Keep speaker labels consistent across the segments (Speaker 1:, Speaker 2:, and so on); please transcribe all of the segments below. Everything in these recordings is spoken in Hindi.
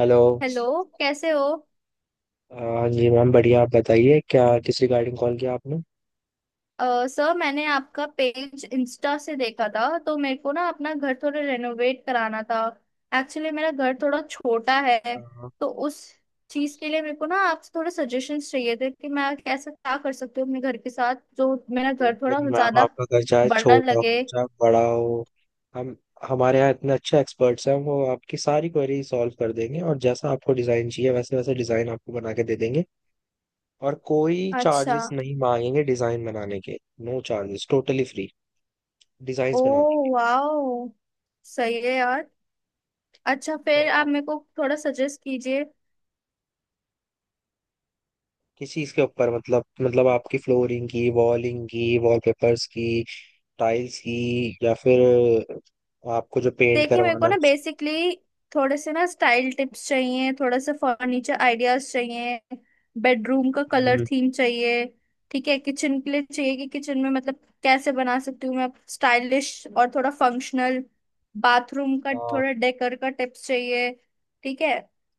Speaker 1: हेलो।
Speaker 2: हेलो। कैसे हो?
Speaker 1: हाँ जी मैम, बढ़िया। आप बताइए, क्या किस रिगार्डिंग कॉल किया आपने?
Speaker 2: सर मैंने आपका पेज इंस्टा से देखा था, तो मेरे को ना अपना घर थोड़ा रेनोवेट कराना था। एक्चुअली मेरा घर थोड़ा छोटा है,
Speaker 1: हाँ,
Speaker 2: तो उस चीज के लिए मेरे को ना आपसे थोड़े सजेशंस चाहिए थे कि मैं कैसे क्या कर सकती हूँ अपने घर के साथ, जो मेरा
Speaker 1: तो
Speaker 2: घर थोड़ा
Speaker 1: वही मैम,
Speaker 2: ज्यादा
Speaker 1: आपका घर चाहे
Speaker 2: बड़ा
Speaker 1: छोटा
Speaker 2: लगे।
Speaker 1: हो चाहे बड़ा हो, हम हमारे यहाँ इतने अच्छे एक्सपर्ट्स हैं, वो आपकी सारी क्वेरी सॉल्व कर देंगे और जैसा आपको डिज़ाइन चाहिए वैसे वैसे डिज़ाइन आपको बना के दे देंगे। और कोई
Speaker 2: अच्छा।
Speaker 1: चार्जेस नहीं मांगेंगे डिज़ाइन बनाने के। नो चार्जेस, टोटली फ्री
Speaker 2: ओ,
Speaker 1: डिज़ाइंस बनाने के।
Speaker 2: वाओ, सही है यार। अच्छा,
Speaker 1: तो
Speaker 2: फिर आप
Speaker 1: आप
Speaker 2: मेरे को थोड़ा सजेस्ट कीजिए।
Speaker 1: किस चीज़ के ऊपर, मतलब आपकी फ्लोरिंग की, वॉलिंग की, वॉलपेपर्स की, टाइल्स की, या फिर आपको जो पेंट
Speaker 2: देखिए, मेरे को
Speaker 1: करवाना है
Speaker 2: ना
Speaker 1: उसकी?
Speaker 2: बेसिकली थोड़े से ना स्टाइल टिप्स चाहिए, थोड़ा सा फर्नीचर आइडियाज चाहिए, बेडरूम का कलर
Speaker 1: हम्म,
Speaker 2: थीम चाहिए। ठीक है, किचन के लिए चाहिए कि किचन में मतलब कैसे बना सकती हूँ मैं स्टाइलिश और थोड़ा फंक्शनल, बाथरूम का
Speaker 1: हाँ।
Speaker 2: थोड़ा डेकर का टिप्स चाहिए। ठीक है,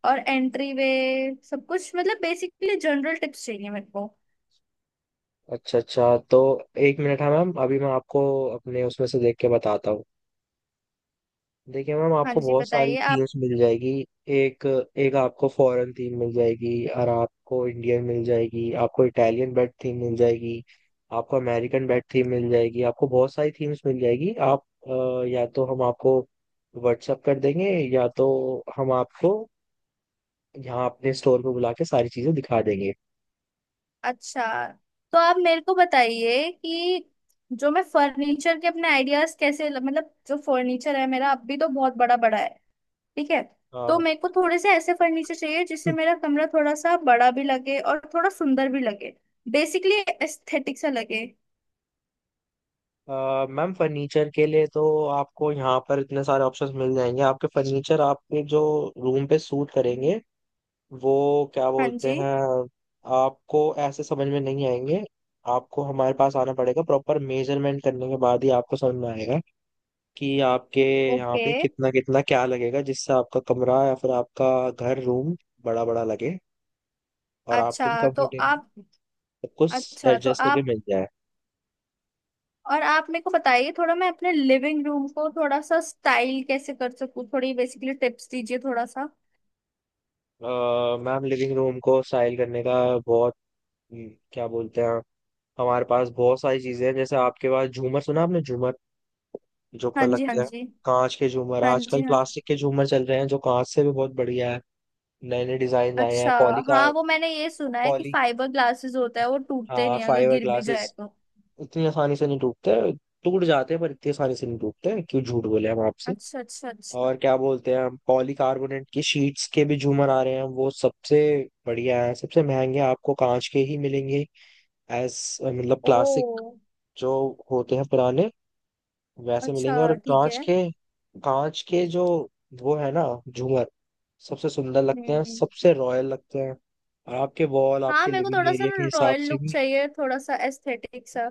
Speaker 2: और एंट्री वे, सब कुछ मतलब बेसिकली जनरल टिप्स चाहिए मेरे को।
Speaker 1: अच्छा अच्छा। तो एक मिनट है मैम, अभी मैं आपको अपने उसमें से देख के बताता हूँ। देखिए मैम,
Speaker 2: हाँ
Speaker 1: आपको
Speaker 2: जी,
Speaker 1: बहुत सारी
Speaker 2: बताइए आप।
Speaker 1: थीम्स मिल जाएगी। एक एक आपको फॉरेन थीम मिल जाएगी और आपको इंडियन मिल जाएगी, आपको इटालियन बेड थीम मिल जाएगी, आपको अमेरिकन बेड थीम मिल जाएगी, आपको बहुत सारी थीम्स मिल जाएगी। आप या तो हम आपको व्हाट्सअप कर देंगे या तो हम आपको यहाँ अपने स्टोर पे बुला के सारी चीजें दिखा देंगे।
Speaker 2: अच्छा, तो आप मेरे को बताइए कि जो मैं फर्नीचर के अपने आइडियाज कैसे, मतलब जो फर्नीचर है मेरा अब भी, तो बहुत बड़ा बड़ा है। ठीक है, तो
Speaker 1: हाँ।
Speaker 2: मेरे को थोड़े से ऐसे फर्नीचर चाहिए जिससे मेरा कमरा थोड़ा सा बड़ा भी लगे और थोड़ा सुंदर भी लगे। बेसिकली एस्थेटिक सा लगे।
Speaker 1: मैम फर्नीचर के लिए तो आपको यहाँ पर इतने सारे ऑप्शंस मिल जाएंगे, आपके फर्नीचर आपके जो रूम पे सूट करेंगे। वो क्या
Speaker 2: हाँ
Speaker 1: बोलते
Speaker 2: जी।
Speaker 1: हैं, आपको ऐसे समझ में नहीं आएंगे। आपको हमारे पास आना पड़ेगा, प्रॉपर मेजरमेंट करने के बाद ही आपको समझ में आएगा कि आपके यहाँ
Speaker 2: ओके।
Speaker 1: पे कितना कितना क्या लगेगा, जिससे आपका कमरा या फिर आपका घर रूम बड़ा बड़ा लगे और आपको भी
Speaker 2: अच्छा तो
Speaker 1: कंफर्टेबल
Speaker 2: आप
Speaker 1: सब कुछ
Speaker 2: अच्छा तो
Speaker 1: एडजस्ट करके
Speaker 2: आप
Speaker 1: मिल जाए।
Speaker 2: और आप मेरे को बताइए थोड़ा, मैं अपने लिविंग रूम को थोड़ा सा स्टाइल कैसे कर सकूं, थोड़ी बेसिकली टिप्स दीजिए थोड़ा सा।
Speaker 1: अ, मैम लिविंग रूम को स्टाइल करने का बहुत, क्या बोलते हैं, हमारे पास बहुत सारी चीजें हैं। जैसे आपके पास झूमर, सुना आपने झूमर, जो
Speaker 2: हाँ
Speaker 1: पर
Speaker 2: जी, हाँ
Speaker 1: लगते हैं,
Speaker 2: जी।
Speaker 1: कांच के झूमर।
Speaker 2: हाँ जी,
Speaker 1: आजकल
Speaker 2: हाँ।
Speaker 1: प्लास्टिक के झूमर चल रहे हैं जो कांच से भी बहुत बढ़िया है। नए नए डिजाइन आए हैं
Speaker 2: अच्छा।
Speaker 1: पॉली
Speaker 2: हाँ,
Speaker 1: कार,
Speaker 2: वो मैंने ये सुना है कि
Speaker 1: पॉली
Speaker 2: फाइबर ग्लासेस होता है, वो टूटते
Speaker 1: हाँ
Speaker 2: नहीं अगर
Speaker 1: फाइबर
Speaker 2: गिर भी जाए
Speaker 1: ग्लासेस
Speaker 2: तो।
Speaker 1: इतनी आसानी से नहीं टूटते। टूट जाते हैं पर इतनी आसानी से नहीं टूटते, क्यों झूठ बोले हम आपसे।
Speaker 2: अच्छा, अच्छा, अच्छा।
Speaker 1: और क्या बोलते हैं, हम पॉलीकार्बोनेट की शीट्स के भी झूमर आ रहे हैं, वो सबसे बढ़िया है। सबसे महंगे आपको कांच के ही मिलेंगे, एज मतलब क्लासिक
Speaker 2: ओ,
Speaker 1: जो होते हैं पुराने, वैसे
Speaker 2: अच्छा,
Speaker 1: मिलेंगे। और
Speaker 2: ठीक
Speaker 1: कांच
Speaker 2: है।
Speaker 1: के, कांच के जो वो है ना झूमर, सबसे सुंदर लगते हैं,
Speaker 2: हम्म।
Speaker 1: सबसे रॉयल लगते हैं। और आपके वॉल
Speaker 2: हाँ,
Speaker 1: आपके
Speaker 2: मेरे को
Speaker 1: लिविंग
Speaker 2: थोड़ा सा
Speaker 1: एरिया
Speaker 2: ना
Speaker 1: के हिसाब
Speaker 2: रॉयल
Speaker 1: से
Speaker 2: लुक
Speaker 1: भी।
Speaker 2: चाहिए, थोड़ा सा एस्थेटिक सा।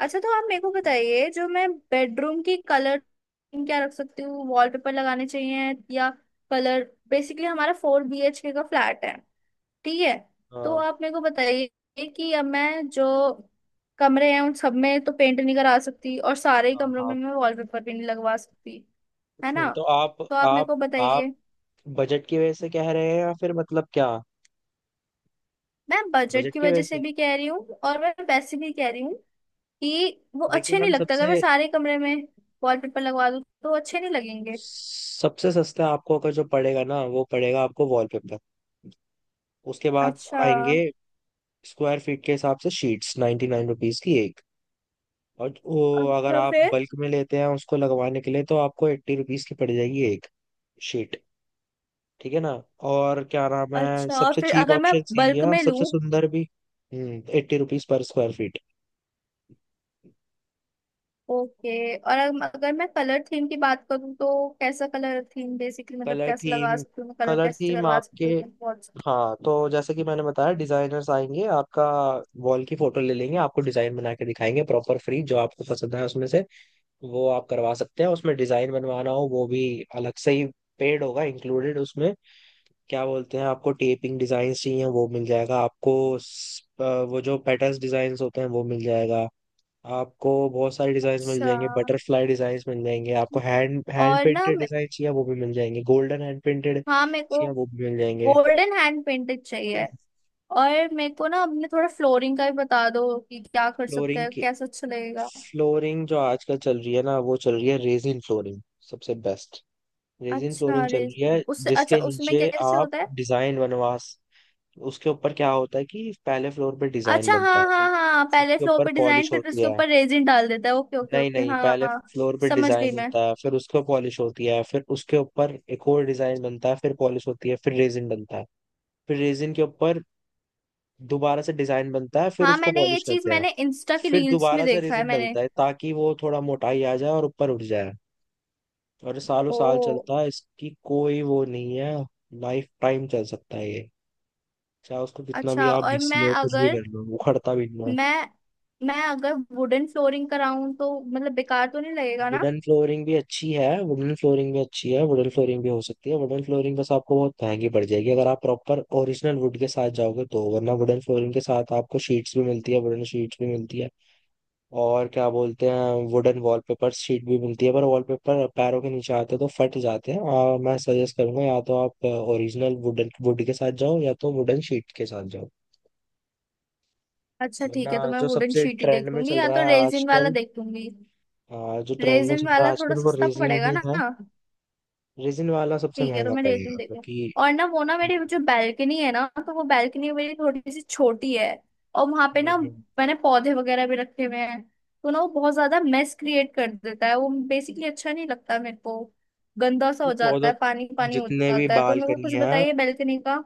Speaker 2: अच्छा, तो आप मेरे को बताइए जो मैं बेडरूम की कलर क्या रख सकती हूँ, वॉलपेपर लगाने चाहिए या कलर? बेसिकली हमारा फोर बीएचके का फ्लैट है। ठीक है, तो
Speaker 1: हाँ।
Speaker 2: आप मेरे को बताइए कि अब मैं जो कमरे हैं उन सब में तो पेंट नहीं करा सकती, और सारे ही
Speaker 1: हाँ
Speaker 2: कमरों
Speaker 1: हाँ।
Speaker 2: में मैं वॉलपेपर भी नहीं लगवा सकती, है
Speaker 1: फिर
Speaker 2: ना?
Speaker 1: तो आप,
Speaker 2: तो आप मेरे
Speaker 1: आप
Speaker 2: को
Speaker 1: आप
Speaker 2: बताइए।
Speaker 1: बजट की वजह से कह रहे हैं या फिर मतलब क्या?
Speaker 2: मैं बजट
Speaker 1: बजट
Speaker 2: की
Speaker 1: की
Speaker 2: वजह
Speaker 1: वजह
Speaker 2: से
Speaker 1: से?
Speaker 2: भी कह रही हूँ, और मैं वैसे भी कह रही हूँ कि वो
Speaker 1: देखिए
Speaker 2: अच्छे नहीं
Speaker 1: मैम,
Speaker 2: लगता, अगर मैं
Speaker 1: सबसे
Speaker 2: सारे कमरे में वॉलपेपर लगवा दूँ तो अच्छे नहीं लगेंगे।
Speaker 1: सबसे सस्ता आपको अगर जो पड़ेगा ना वो पड़ेगा आपको वॉलपेपर। उसके बाद
Speaker 2: अच्छा।
Speaker 1: आएंगे स्क्वायर फीट के हिसाब से शीट्स, 99 रुपीज की एक। और वो अगर
Speaker 2: अच्छा,
Speaker 1: आप
Speaker 2: फिर?
Speaker 1: बल्क में लेते हैं उसको लगवाने के लिए, तो आपको 80 रुपीज की पड़ जाएगी एक शीट, ठीक है ना। और क्या नाम है,
Speaker 2: अच्छा, और
Speaker 1: सबसे
Speaker 2: फिर
Speaker 1: चीप
Speaker 2: अगर मैं
Speaker 1: ऑप्शन यही है
Speaker 2: बल्क
Speaker 1: और
Speaker 2: में
Speaker 1: सबसे
Speaker 2: लूं?
Speaker 1: सुंदर भी। 80 रुपीज पर स्क्वायर फीट।
Speaker 2: ओके, और अगर मैं कलर थीम की बात करूँ, तो कैसा कलर थीम बेसिकली, मतलब
Speaker 1: कलर
Speaker 2: कैसे लगा
Speaker 1: थीम?
Speaker 2: सकती हूँ कलर,
Speaker 1: कलर
Speaker 2: कैसे
Speaker 1: थीम
Speaker 2: करवा
Speaker 1: आपके,
Speaker 2: सकती हूँ अपने pots
Speaker 1: हाँ, तो जैसे कि मैंने बताया
Speaker 2: पे?
Speaker 1: डिजाइनर्स आएंगे, आपका वॉल की फोटो ले लेंगे, आपको डिजाइन बना के दिखाएंगे प्रॉपर फ्री। जो आपको पसंद है उसमें से वो आप करवा सकते हैं। उसमें डिजाइन बनवाना हो वो भी अलग से ही पेड होगा, इंक्लूडेड उसमें। क्या बोलते हैं, आपको टेपिंग डिजाइन चाहिए वो मिल जाएगा आपको। स- अ, वो जो पैटर्न डिजाइन होते हैं वो मिल जाएगा। आपको बहुत सारी डिजाइन मिल
Speaker 2: अच्छा,
Speaker 1: जाएंगे, बटरफ्लाई डिजाइन मिल जाएंगे आपको, हैंड हैंड
Speaker 2: और ना
Speaker 1: पेंटेड डिजाइन चाहिए वो भी मिल जाएंगे, गोल्डन हैंड पेंटेड
Speaker 2: हाँ, मेरे को
Speaker 1: चाहिए वो भी मिल जाएंगे।
Speaker 2: गोल्डन हैंड पेंटेड चाहिए। और मेरे को ना अपने थोड़ा फ्लोरिंग का भी बता दो कि क्या कर सकते
Speaker 1: फ्लोरिंग
Speaker 2: हैं,
Speaker 1: की,
Speaker 2: कैसा अच्छा लगेगा।
Speaker 1: फ्लोरिंग जो आजकल चल रही है ना, वो चल रही है रेजिन फ्लोरिंग। सबसे बेस्ट रेजिन
Speaker 2: अच्छा,
Speaker 1: फ्लोरिंग चल
Speaker 2: अरे,
Speaker 1: रही है,
Speaker 2: उससे अच्छा
Speaker 1: जिसके
Speaker 2: उसमें
Speaker 1: नीचे
Speaker 2: कैसे
Speaker 1: आप
Speaker 2: होता है?
Speaker 1: डिजाइन बनवा स-, उसके ऊपर क्या होता है कि पहले फ्लोर पे डिजाइन
Speaker 2: अच्छा,
Speaker 1: बनता
Speaker 2: हाँ
Speaker 1: है फिर
Speaker 2: हाँ हाँ, पहले
Speaker 1: उसके
Speaker 2: फ्लोर
Speaker 1: ऊपर
Speaker 2: पे डिजाइन,
Speaker 1: पॉलिश
Speaker 2: फिर
Speaker 1: होती
Speaker 2: उसके
Speaker 1: है।
Speaker 2: ऊपर रेजिन डाल देता है। ओके ओके
Speaker 1: नहीं
Speaker 2: ओके,
Speaker 1: नहीं,
Speaker 2: हाँ
Speaker 1: पहले
Speaker 2: हाँ।
Speaker 1: फ्लोर पे
Speaker 2: समझ गई
Speaker 1: डिजाइन
Speaker 2: मैं।
Speaker 1: होता है, फिर उसको पॉलिश होती है, फिर उसके ऊपर एक और डिजाइन बनता है, फिर पॉलिश होती है, फिर रेजिन बनता है। फिर रेजिन के ऊपर दोबारा से डिजाइन बनता है, फिर
Speaker 2: हाँ,
Speaker 1: उसको
Speaker 2: मैंने ये
Speaker 1: पॉलिश
Speaker 2: चीज
Speaker 1: करते हैं,
Speaker 2: मैंने इंस्टा की
Speaker 1: फिर
Speaker 2: रील्स में
Speaker 1: दोबारा से
Speaker 2: देखा है
Speaker 1: रेजिन
Speaker 2: मैंने।
Speaker 1: डलता है ताकि वो थोड़ा मोटाई आ जाए और ऊपर उठ जाए। और ये सालों
Speaker 2: ओ।
Speaker 1: साल चलता है, इसकी कोई वो नहीं है। लाइफ टाइम चल सकता है ये, चाहे उसको कितना भी
Speaker 2: अच्छा,
Speaker 1: आप
Speaker 2: और
Speaker 1: घिस
Speaker 2: मैं
Speaker 1: लो कुछ भी
Speaker 2: अगर
Speaker 1: कर लो, उखड़ता भी नहीं है।
Speaker 2: मैं मैं अगर वुडन फ्लोरिंग कराऊं तो मतलब बेकार तो नहीं लगेगा ना?
Speaker 1: वुडन फ्लोरिंग भी अच्छी है वुडन फ्लोरिंग भी अच्छी है वुडन फ्लोरिंग भी हो सकती है। वुडन फ्लोरिंग बस आपको बहुत महंगी पड़ जाएगी अगर आप प्रॉपर ओरिजिनल वुड के साथ जाओगे तो। वरना वुडन फ्लोरिंग के साथ आपको शीट्स भी मिलती है, वुडन शीट्स भी मिलती है। और क्या बोलते हैं, वुडन वॉलपेपर शीट भी मिलती है, पर वॉलपेपर पैरों के नीचे आते हैं तो फट जाते हैं, और मैं सजेस्ट करूंगा या तो आप ओरिजिनल वुडन वुड के साथ जाओ या तो वुडन शीट के साथ जाओ।
Speaker 2: अच्छा,
Speaker 1: वरना
Speaker 2: ठीक है, तो मैं
Speaker 1: जो
Speaker 2: वुडन
Speaker 1: सबसे
Speaker 2: शीट ही
Speaker 1: ट्रेंड
Speaker 2: देख
Speaker 1: में
Speaker 2: लूंगी,
Speaker 1: चल
Speaker 2: या
Speaker 1: रहा
Speaker 2: तो
Speaker 1: है
Speaker 2: रेजिन वाला
Speaker 1: आजकल,
Speaker 2: देख लूंगी।
Speaker 1: जो ट्रेंड में
Speaker 2: रेजिन
Speaker 1: चल रहा
Speaker 2: वाला
Speaker 1: है
Speaker 2: थोड़ा
Speaker 1: आजकल वो
Speaker 2: सस्ता
Speaker 1: रेजिन
Speaker 2: पड़ेगा
Speaker 1: ही
Speaker 2: ना?
Speaker 1: है। रेजिन वाला सबसे
Speaker 2: ठीक है, तो
Speaker 1: महंगा
Speaker 2: मैं रेसिन
Speaker 1: पड़ेगा,
Speaker 2: देखती हूँ।
Speaker 1: क्योंकि
Speaker 2: और ना वो ना मेरी
Speaker 1: हम्म,
Speaker 2: जो बैल्कनी है ना, तो वो बैल्कनी मेरी थोड़ी सी छोटी है, और वहां पे ना
Speaker 1: हम्म,
Speaker 2: मैंने पौधे वगैरह भी रखे हुए हैं, तो ना वो बहुत ज्यादा मेस क्रिएट कर देता है, वो बेसिकली अच्छा नहीं लगता मेरे को। गंदा सा
Speaker 1: ये
Speaker 2: हो जाता
Speaker 1: पौधा,
Speaker 2: है, पानी पानी हो
Speaker 1: जितने भी
Speaker 2: जाता है, तो मेरे को
Speaker 1: बालकनी
Speaker 2: कुछ
Speaker 1: है,
Speaker 2: बताइए बैल्कनी का।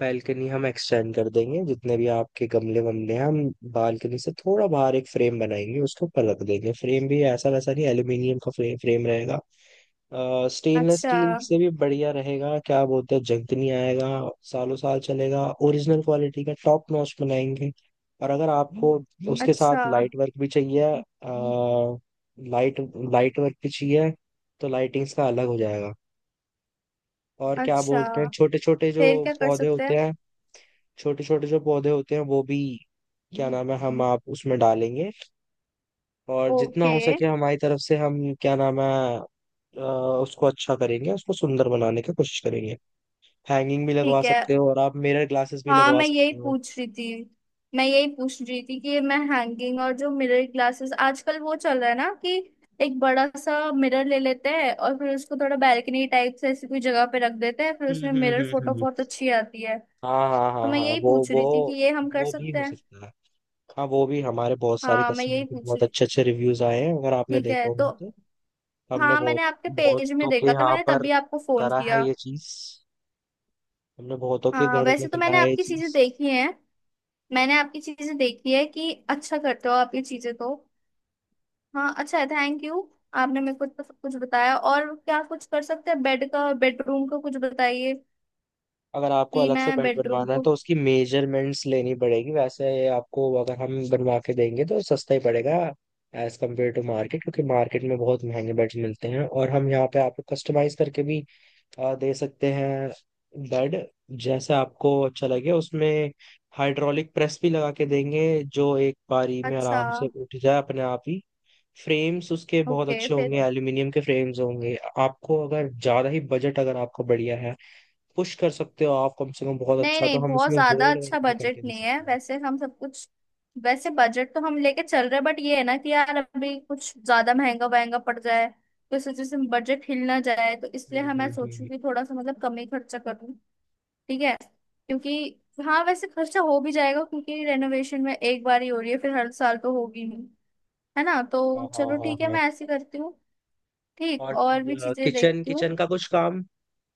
Speaker 1: बैल्कनी हम एक्सटेंड कर देंगे, जितने भी आपके गमले वमले हैं हम बालकनी से थोड़ा बाहर एक फ्रेम बनाएंगे उसके ऊपर रख देंगे। फ्रेम भी ऐसा वैसा नहीं, एल्यूमिनियम का फ्रेम फ्रेम रहेगा। स्टेनलेस
Speaker 2: अच्छा,
Speaker 1: स्टील से भी बढ़िया रहेगा, क्या बोलते हैं, जंग नहीं आएगा, सालों साल चलेगा, ओरिजिनल क्वालिटी का टॉप नॉच बनाएंगे। और अगर आपको उसके
Speaker 2: अच्छा,
Speaker 1: साथ लाइट वर्क भी चाहिए, लाइट लाइट वर्क भी चाहिए, तो लाइटिंग्स का अलग हो जाएगा। और क्या
Speaker 2: अच्छा,
Speaker 1: बोलते हैं, छोटे छोटे जो
Speaker 2: फिर क्या कर
Speaker 1: पौधे
Speaker 2: सकते
Speaker 1: होते
Speaker 2: हैं?
Speaker 1: हैं, छोटे छोटे जो पौधे होते हैं वो भी क्या नाम है, हम आप उसमें डालेंगे। और जितना
Speaker 2: ओके।
Speaker 1: हो सके हमारी तरफ से हम, क्या नाम है, अ, उसको अच्छा करेंगे, उसको सुंदर बनाने की कोशिश करेंगे। हैंगिंग भी लगवा
Speaker 2: ठीक है।
Speaker 1: सकते हो और आप मिरर ग्लासेस भी
Speaker 2: हाँ,
Speaker 1: लगवा
Speaker 2: मैं यही
Speaker 1: सकते हो।
Speaker 2: पूछ रही थी। मैं यही पूछ रही थी कि मैं हैंगिंग और जो मिरर ग्लासेस आजकल वो चल रहा है ना, कि एक बड़ा सा मिरर ले लेते हैं और फिर उसको थोड़ा बैल्कनी टाइप से ऐसी कोई जगह पे रख देते हैं, फिर उसमें
Speaker 1: हम्म हम्म
Speaker 2: मिरर
Speaker 1: हम्म
Speaker 2: फोटो
Speaker 1: हम्म।
Speaker 2: बहुत अच्छी आती है।
Speaker 1: हाँ हाँ
Speaker 2: तो
Speaker 1: हाँ
Speaker 2: मैं
Speaker 1: हाँ।
Speaker 2: यही
Speaker 1: वो
Speaker 2: पूछ
Speaker 1: वो
Speaker 2: रही थी कि ये हम कर
Speaker 1: वो भी
Speaker 2: सकते
Speaker 1: हो
Speaker 2: हैं?
Speaker 1: सकता है। हाँ, वो भी हमारे बहुत सारे
Speaker 2: हाँ, मैं
Speaker 1: कस्टमर
Speaker 2: यही
Speaker 1: के
Speaker 2: पूछ
Speaker 1: बहुत
Speaker 2: रही।
Speaker 1: अच्छे अच्छे रिव्यूज आए हैं, अगर आपने
Speaker 2: ठीक है,
Speaker 1: देखा
Speaker 2: तो
Speaker 1: होगा तो। हमने
Speaker 2: हाँ,
Speaker 1: बहुत
Speaker 2: मैंने आपके पेज में
Speaker 1: बहुतों के
Speaker 2: देखा था,
Speaker 1: यहाँ
Speaker 2: मैंने
Speaker 1: पर
Speaker 2: तभी आपको फोन
Speaker 1: करा है
Speaker 2: किया।
Speaker 1: ये चीज, हमने बहुतों के
Speaker 2: हाँ,
Speaker 1: घरों
Speaker 2: वैसे
Speaker 1: में
Speaker 2: तो
Speaker 1: करा
Speaker 2: मैंने
Speaker 1: है ये
Speaker 2: आपकी चीजें
Speaker 1: चीज।
Speaker 2: देखी हैं। मैंने आपकी चीजें देखी है कि अच्छा करते हो आप ये चीजें, तो हाँ, अच्छा है, थैंक यू। आपने मेरे को इतना सब कुछ बताया, और क्या कुछ कर सकते हैं? बेड का, बेडरूम का कुछ बताइए
Speaker 1: अगर आपको
Speaker 2: कि
Speaker 1: अलग
Speaker 2: मैं
Speaker 1: से बेड
Speaker 2: बेडरूम
Speaker 1: बनवाना है
Speaker 2: को।
Speaker 1: तो उसकी मेजरमेंट्स लेनी पड़ेगी। वैसे आपको अगर हम बनवा के देंगे तो सस्ता ही पड़ेगा एज कम्पेयर टू मार्केट, क्योंकि मार्केट में बहुत महंगे बेड्स मिलते हैं। और हम यहाँ पे आपको कस्टमाइज करके भी दे सकते हैं बेड, जैसे आपको अच्छा लगे उसमें। हाइड्रोलिक प्रेस भी लगा के देंगे जो एक बारी में
Speaker 2: अच्छा।
Speaker 1: आराम से उठ जाए अपने आप ही। फ्रेम्स उसके बहुत
Speaker 2: ओके,
Speaker 1: अच्छे
Speaker 2: फिर?
Speaker 1: होंगे, एल्यूमिनियम के फ्रेम्स होंगे। आपको अगर ज़्यादा ही बजट, अगर आपका बढ़िया है, पुश कर सकते हो आप कम से कम बहुत
Speaker 2: नहीं
Speaker 1: अच्छा, तो
Speaker 2: नहीं,
Speaker 1: हम
Speaker 2: बहुत
Speaker 1: इसमें
Speaker 2: ज्यादा
Speaker 1: गोल्ड वर्क
Speaker 2: अच्छा
Speaker 1: भी करके
Speaker 2: बजट
Speaker 1: दे
Speaker 2: नहीं है।
Speaker 1: सकते हैं।
Speaker 2: वैसे हम सब कुछ, वैसे बजट तो हम लेके चल रहे हैं, बट ये है ना कि यार, अभी कुछ ज्यादा महंगा वहंगा पड़ जाए, तो इस वजह से बजट हिल ना जाए, तो इसलिए
Speaker 1: हम्म
Speaker 2: हम मैं
Speaker 1: हम्म
Speaker 2: सोचूं
Speaker 1: हम्म।
Speaker 2: कि थोड़ा सा मतलब कम ही खर्चा करूँ। ठीक है, क्योंकि हाँ, वैसे खर्चा हो भी जाएगा क्योंकि रेनोवेशन में एक बार ही हो रही है, फिर हर साल तो होगी ही, है ना?
Speaker 1: हाँ
Speaker 2: तो
Speaker 1: हाँ
Speaker 2: चलो,
Speaker 1: हाँ
Speaker 2: ठीक है,
Speaker 1: हाँ।
Speaker 2: मैं ऐसे करती हूँ। ठीक,
Speaker 1: और
Speaker 2: और भी चीजें
Speaker 1: किचन,
Speaker 2: देखती हूँ।
Speaker 1: किचन का कुछ काम?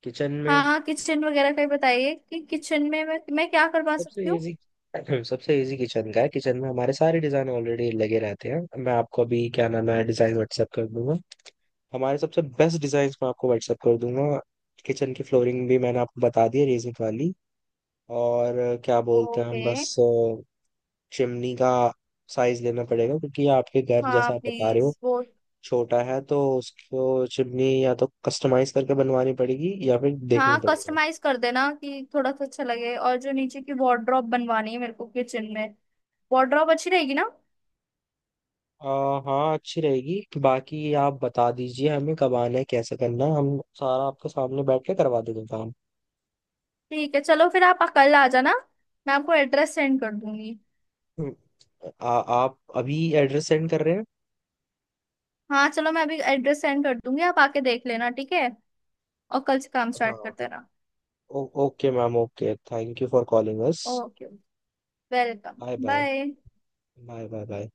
Speaker 1: किचन में
Speaker 2: हाँ, किचन वगैरह का ही बताइए कि किचन में मैं क्या करवा
Speaker 1: सबसे
Speaker 2: सकती हूँ?
Speaker 1: इजी, सबसे इजी किचन का है। किचन में हमारे सारे डिजाइन ऑलरेडी लगे रहते हैं। मैं आपको अभी, क्या नाम है, डिजाइन व्हाट्सएप कर दूंगा, हमारे सबसे बेस्ट डिजाइन मैं आपको व्हाट्सएप कर दूंगा। किचन की फ्लोरिंग भी मैंने आपको बता दी है, रेजिंग वाली। और क्या बोलते हैं,
Speaker 2: ओके।
Speaker 1: हम बस चिमनी का साइज लेना पड़ेगा, क्योंकि आपके घर
Speaker 2: हाँ
Speaker 1: जैसा आप बता रहे हो
Speaker 2: प्लीज, वो
Speaker 1: छोटा है, तो उसको चिमनी या तो कस्टमाइज करके बनवानी पड़ेगी या फिर देखनी
Speaker 2: हाँ
Speaker 1: पड़ेगा।
Speaker 2: कस्टमाइज कर देना कि थोड़ा सा अच्छा लगे, और जो नीचे की वार्डरोब बनवानी है मेरे को किचन में, वार्डरोब अच्छी रहेगी ना?
Speaker 1: हाँ, अच्छी रहेगी। बाकी आप बता दीजिए हमें कब आना है कैसे करना है, हम सारा आपके सामने बैठ के करवा देंगे काम।
Speaker 2: ठीक है, चलो, फिर आप कल आ जाना। मैं आपको एड्रेस सेंड कर दूंगी।
Speaker 1: हम्म, आप अभी एड्रेस सेंड कर रहे हैं?
Speaker 2: हाँ, चलो, मैं अभी एड्रेस सेंड कर दूंगी, आप आके देख लेना, ठीक है? और कल से काम
Speaker 1: हाँ।
Speaker 2: स्टार्ट करते रहना।
Speaker 1: ओ, okay ma'am, okay, thank you for calling us.
Speaker 2: Okay, welcome,
Speaker 1: bye bye,
Speaker 2: bye.
Speaker 1: Bye bye bye.